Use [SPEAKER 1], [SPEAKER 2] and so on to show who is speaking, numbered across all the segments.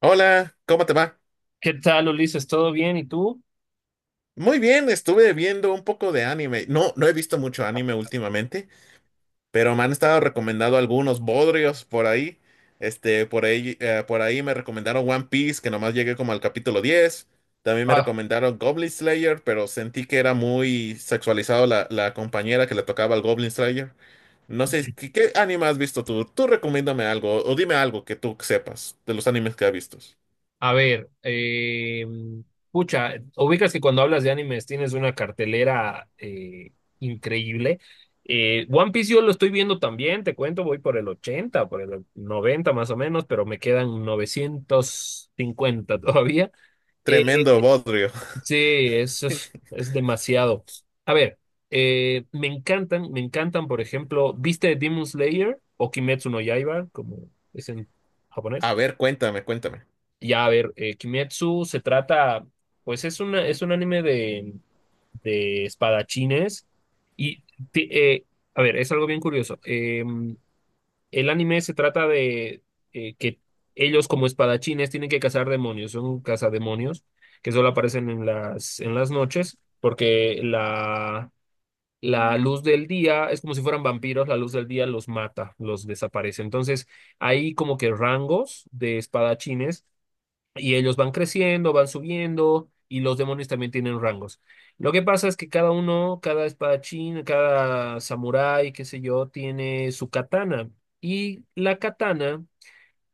[SPEAKER 1] Hola, ¿cómo te va?
[SPEAKER 2] ¿Qué tal, Ulises? ¿Todo bien? ¿Y tú?
[SPEAKER 1] Muy bien, estuve viendo un poco de anime. No, no he visto mucho anime últimamente, pero me han estado recomendando algunos bodrios por ahí. Este, por ahí me recomendaron One Piece, que nomás llegué como al capítulo 10. También me
[SPEAKER 2] Ah,
[SPEAKER 1] recomendaron Goblin Slayer, pero sentí que era muy sexualizado la compañera que le tocaba al Goblin Slayer. No sé, ¿qué anime has visto tú? Tú recomiéndame algo, o dime algo que tú sepas de los animes que has visto.
[SPEAKER 2] a ver, pucha, ubicas que cuando hablas de animes tienes una cartelera increíble. One Piece yo lo estoy viendo también, te cuento, voy por el 80, por el 90 más o menos, pero me quedan 950 todavía. Eh,
[SPEAKER 1] Tremendo bodrio.
[SPEAKER 2] Sí, eso es demasiado. A ver, me encantan, por ejemplo, ¿viste Demon Slayer o Kimetsu no Yaiba, como es en japonés?
[SPEAKER 1] A ver, cuéntame, cuéntame.
[SPEAKER 2] Ya, a ver, Kimetsu se trata, pues es una, es un anime de espadachines y, ti- eh, a ver, es algo bien curioso. El anime se trata de que ellos como espadachines tienen que cazar demonios, son cazademonios que solo aparecen en las noches porque la luz del día es como si fueran vampiros, la luz del día los mata, los desaparece. Entonces hay como que rangos de espadachines y ellos van creciendo, van subiendo, y los demonios también tienen rangos. Lo que pasa es que cada uno, cada espadachín, cada samurái, qué sé yo, tiene su katana. Y la katana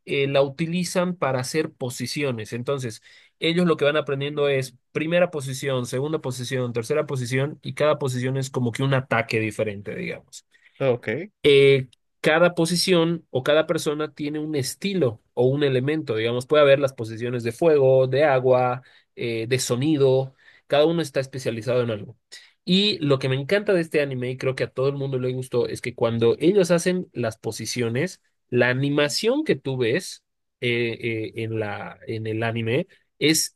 [SPEAKER 2] la utilizan para hacer posiciones. Entonces, ellos lo que van aprendiendo es primera posición, segunda posición, tercera posición, y cada posición es como que un ataque diferente, digamos
[SPEAKER 1] Ok,
[SPEAKER 2] eh, cada posición o cada persona tiene un estilo o un elemento, digamos, puede haber las posiciones de fuego, de agua, de sonido, cada uno está especializado en algo. Y lo que me encanta de este anime, y creo que a todo el mundo le gustó, es que cuando ellos hacen las posiciones, la animación que tú ves en la, en el anime es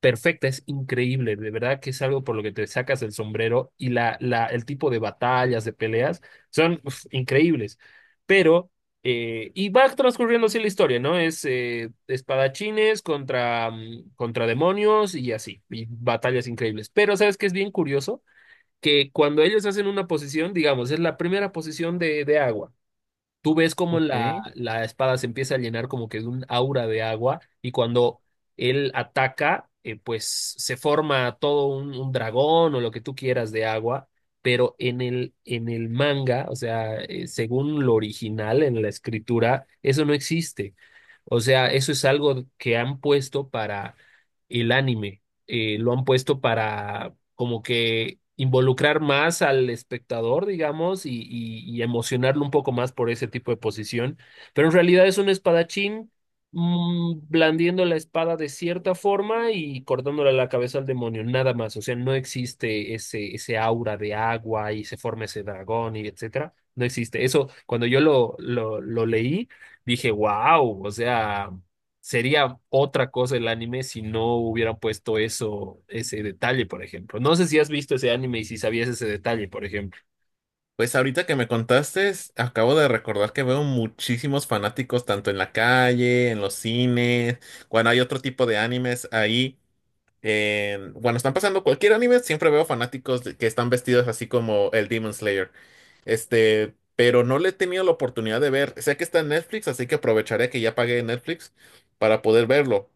[SPEAKER 2] perfecta, es increíble, de verdad que es algo por lo que te sacas el sombrero y la, el tipo de batallas, de peleas, son uf, increíbles. Pero, y va transcurriendo así la historia, ¿no? Es espadachines contra, contra demonios y así, y batallas increíbles. Pero, ¿sabes qué es bien curioso? Que cuando ellos hacen una posición, digamos, es la primera posición de agua. Tú ves cómo la,
[SPEAKER 1] ok.
[SPEAKER 2] la espada se empieza a llenar como que de un aura de agua y cuando él ataca, pues se forma todo un dragón o lo que tú quieras de agua, pero en el manga, o sea, según lo original en la escritura, eso no existe. O sea, eso es algo que han puesto para el anime, lo han puesto para como que involucrar más al espectador, digamos, y, y emocionarlo un poco más por ese tipo de posición. Pero en realidad es un espadachín blandiendo la espada de cierta forma y cortándole la cabeza al demonio, nada más. O sea, no existe ese, ese aura de agua y se forma ese dragón y etcétera. No existe. Eso, cuando yo lo leí, dije, wow, o sea sería otra cosa el anime si no hubieran puesto eso, ese detalle, por ejemplo. No sé si has visto ese anime y si sabías ese detalle, por ejemplo.
[SPEAKER 1] Pues ahorita que me contaste, acabo de recordar que veo muchísimos fanáticos tanto en la calle, en los cines, cuando hay otro tipo de animes ahí. Cuando están pasando cualquier anime, siempre veo fanáticos que están vestidos así como el Demon Slayer. Este, pero no le he tenido la oportunidad de ver. Sé que está en Netflix, así que aprovecharé que ya pagué Netflix para poder verlo.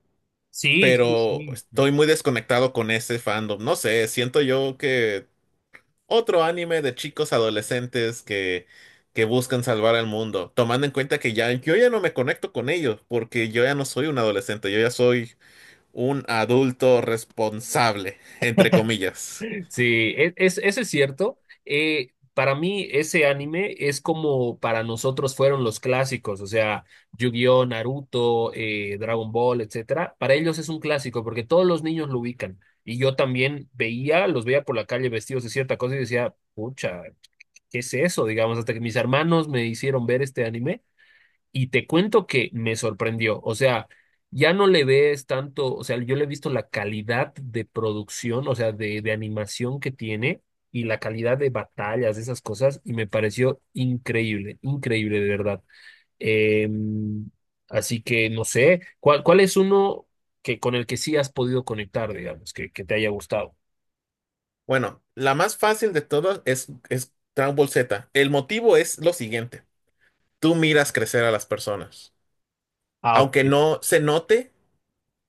[SPEAKER 2] Sí, sí,
[SPEAKER 1] Pero
[SPEAKER 2] sí.
[SPEAKER 1] estoy muy desconectado con ese fandom. No sé, siento yo que otro anime de chicos adolescentes que buscan salvar al mundo, tomando en cuenta que ya yo ya no me conecto con ellos, porque yo ya no soy un adolescente, yo ya soy un adulto responsable, entre comillas.
[SPEAKER 2] Sí, es, eso es cierto. Para mí, ese anime es como para nosotros fueron los clásicos, o sea, Yu-Gi-Oh, Naruto, Dragon Ball, etcétera. Para ellos es un clásico porque todos los niños lo ubican. Y yo también veía, los veía por la calle vestidos de cierta cosa y decía, pucha, ¿qué es eso? Digamos, hasta que mis hermanos me hicieron ver este anime y te cuento que me sorprendió. O sea, ya no le ves tanto, o sea, yo le he visto la calidad de producción, o sea, de animación que tiene y la calidad de batallas, de esas cosas, y me pareció increíble, increíble de verdad. Eh, Así que no sé, ¿cuál, cuál es uno que con el que sí has podido conectar, digamos, que te haya gustado?
[SPEAKER 1] Bueno, la más fácil de todas es Dragon Ball Z. El motivo es lo siguiente. Tú miras crecer a las personas.
[SPEAKER 2] Ah,
[SPEAKER 1] Aunque
[SPEAKER 2] ok.
[SPEAKER 1] no se note,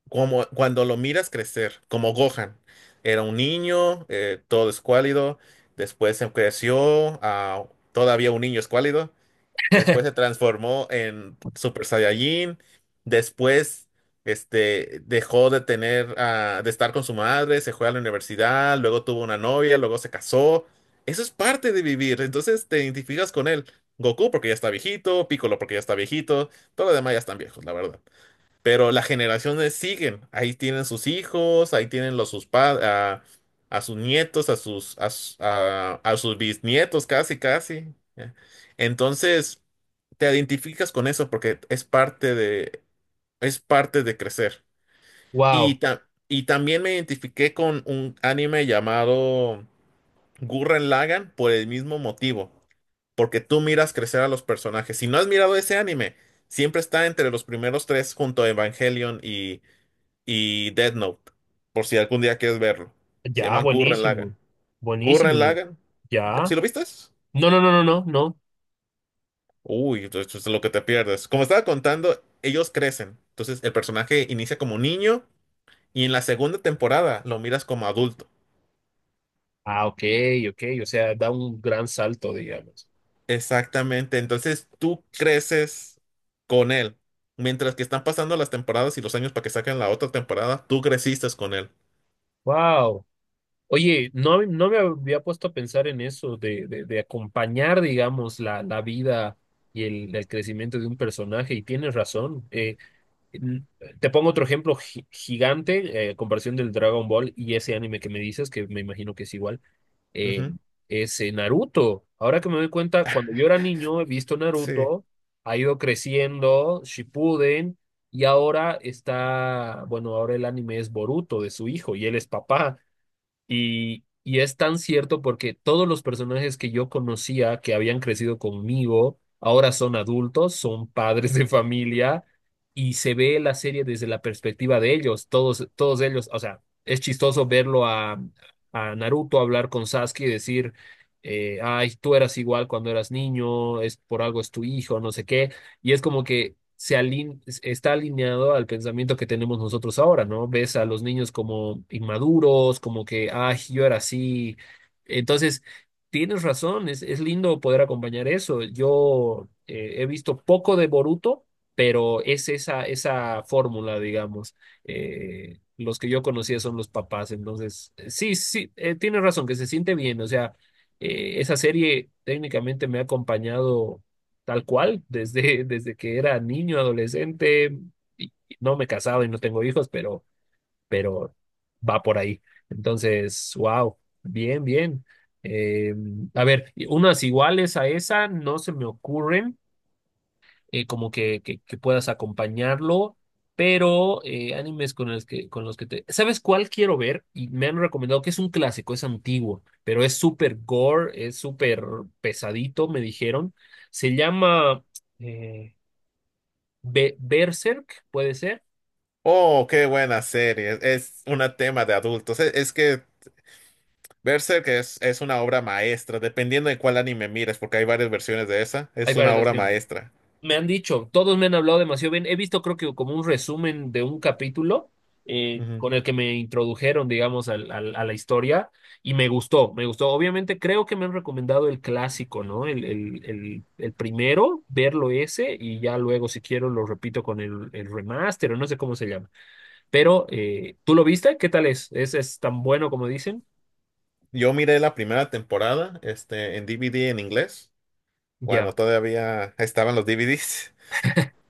[SPEAKER 1] como cuando lo miras crecer, como Gohan. Era un niño, todo escuálido, después se creció a todavía un niño escuálido, después se transformó en Super Saiyajin, después este, dejó de tener, de estar con su madre, se fue a la universidad, luego tuvo una novia, luego se casó. Eso es parte de vivir, entonces te identificas con él. Goku porque ya está viejito, Piccolo porque ya está viejito, todos los demás ya están viejos, la verdad. Pero las generaciones siguen, ahí tienen sus hijos, ahí tienen sus padres, a sus nietos, a sus bisnietos, casi, casi. ¿Ya? Entonces, te identificas con eso porque es parte de crecer. Y,
[SPEAKER 2] Wow.
[SPEAKER 1] y también me identifiqué con un anime llamado Gurren Lagann por el mismo motivo, porque tú miras crecer a los personajes. Si no has mirado ese anime, siempre está entre los primeros tres junto a Evangelion y Death Note, por si algún día quieres verlo. Se
[SPEAKER 2] Ya,
[SPEAKER 1] llaman Gurren Lagann.
[SPEAKER 2] buenísimo.
[SPEAKER 1] Gurren
[SPEAKER 2] Buenísimo.
[SPEAKER 1] Lagann, ¿sí
[SPEAKER 2] Ya.
[SPEAKER 1] lo viste?
[SPEAKER 2] No, no, no, no, no, no.
[SPEAKER 1] Uy, esto es lo que te pierdes. Como estaba contando, ellos crecen. Entonces el personaje inicia como niño y en la segunda temporada lo miras como adulto.
[SPEAKER 2] Ah, ok, ok. O sea, da un gran salto, digamos.
[SPEAKER 1] Exactamente, entonces tú creces con él. Mientras que están pasando las temporadas y los años para que saquen la otra temporada, tú creciste con él.
[SPEAKER 2] Wow. Oye, no, no me había puesto a pensar en eso, de acompañar, digamos, la vida y el crecimiento de un personaje. Y tienes razón. N- Te pongo otro ejemplo gigante, comparación del Dragon Ball y ese anime que me dices, que me imagino que es igual. eh,
[SPEAKER 1] Ujú,
[SPEAKER 2] Ese Naruto. Ahora que me doy cuenta, cuando yo era niño he visto
[SPEAKER 1] sí.
[SPEAKER 2] Naruto, ha ido creciendo, Shippuden, y ahora está, bueno, ahora el anime es Boruto de su hijo y él es papá. Y es tan cierto porque todos los personajes que yo conocía, que habían crecido conmigo, ahora son adultos, son padres de familia y se ve la serie desde la perspectiva de ellos, todos, todos ellos, o sea, es chistoso verlo a Naruto hablar con Sasuke y decir, ay, tú eras igual cuando eras niño, es por algo es tu hijo, no sé qué y es como que se está alineado al pensamiento que tenemos nosotros ahora, ¿no? Ves a los niños como inmaduros, como que, ay, yo era así. Entonces, tienes razón, es lindo poder acompañar eso. Yo he visto poco de Boruto, pero es esa, esa fórmula, digamos. Los que yo conocía son los papás, entonces, sí, sí, tienes razón, que se siente bien, o sea esa serie técnicamente me ha acompañado tal cual, desde, desde que era niño, adolescente, y no me he casado y no tengo hijos, pero va por ahí. Entonces, wow, bien, bien. Eh, a ver, y unas iguales a esa no se me ocurren como que puedas acompañarlo, pero animes con los que te... ¿Sabes cuál quiero ver? Y me han recomendado que es un clásico, es antiguo, pero es súper gore, es súper pesadito, me dijeron. Se llama eh, Berserk, puede ser.
[SPEAKER 1] Oh, qué buena serie. Es un tema de adultos. Es que Berserk es una obra maestra, dependiendo de cuál anime mires, porque hay varias versiones de esa,
[SPEAKER 2] Hay
[SPEAKER 1] es
[SPEAKER 2] varias
[SPEAKER 1] una obra
[SPEAKER 2] versiones.
[SPEAKER 1] maestra.
[SPEAKER 2] Me han dicho, todos me han hablado demasiado bien. He visto, creo que como un resumen de un capítulo
[SPEAKER 1] Ujú.
[SPEAKER 2] con el que me introdujeron, digamos, a la historia y me gustó, me gustó. Obviamente creo que me han recomendado el clásico, ¿no? El primero, verlo ese y ya luego, si quiero, lo repito con el remaster o no sé cómo se llama. Pero, ¿tú lo viste? ¿Qué tal es? Es tan bueno como dicen?
[SPEAKER 1] Yo miré la primera temporada, este, en DVD en inglés, cuando
[SPEAKER 2] Ya.
[SPEAKER 1] todavía estaban los DVDs.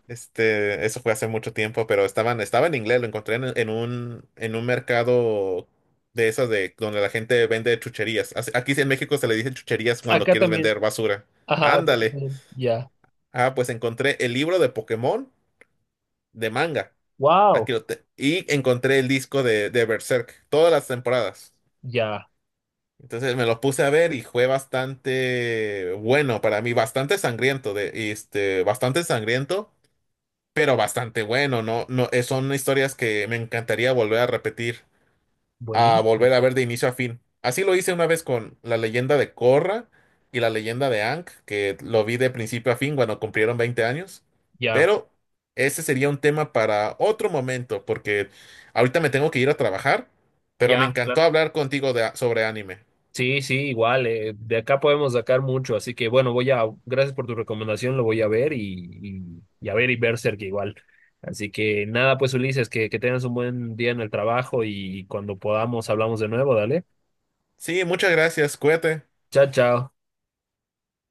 [SPEAKER 1] Este, eso fue hace mucho tiempo, pero estaban, estaba en inglés, lo encontré en un mercado de esas de donde la gente vende chucherías. Aquí en México se le dicen chucherías cuando
[SPEAKER 2] Acá
[SPEAKER 1] quieres
[SPEAKER 2] también.
[SPEAKER 1] vender basura.
[SPEAKER 2] Ajá, acá
[SPEAKER 1] Ándale.
[SPEAKER 2] también. Ya.
[SPEAKER 1] Ah, pues encontré el libro de Pokémon de manga.
[SPEAKER 2] Wow.
[SPEAKER 1] Y encontré el disco de Berserk, todas las temporadas.
[SPEAKER 2] Ya.
[SPEAKER 1] Entonces me lo puse a ver y fue bastante bueno para mí, bastante sangriento, bastante sangriento, pero bastante bueno, ¿no? No, son historias que me encantaría volver a repetir a
[SPEAKER 2] Buenísimo.
[SPEAKER 1] volver a ver de inicio a fin. Así lo hice una vez con la leyenda de Korra y la leyenda de Aang, que lo vi de principio a fin cuando cumplieron 20 años.
[SPEAKER 2] Ya.
[SPEAKER 1] Pero ese sería un tema para otro momento, porque ahorita me tengo que ir a trabajar, pero me
[SPEAKER 2] Ya.
[SPEAKER 1] encantó hablar contigo sobre anime.
[SPEAKER 2] Sí, sí, igual, de acá podemos sacar mucho, así que bueno, voy a, gracias por tu recomendación, lo voy a ver y a ver y Berserk igual. Así que nada, pues Ulises, que tengas un buen día en el trabajo y cuando podamos hablamos de nuevo, dale.
[SPEAKER 1] Sí, muchas gracias, cuídate.
[SPEAKER 2] Chao, chao.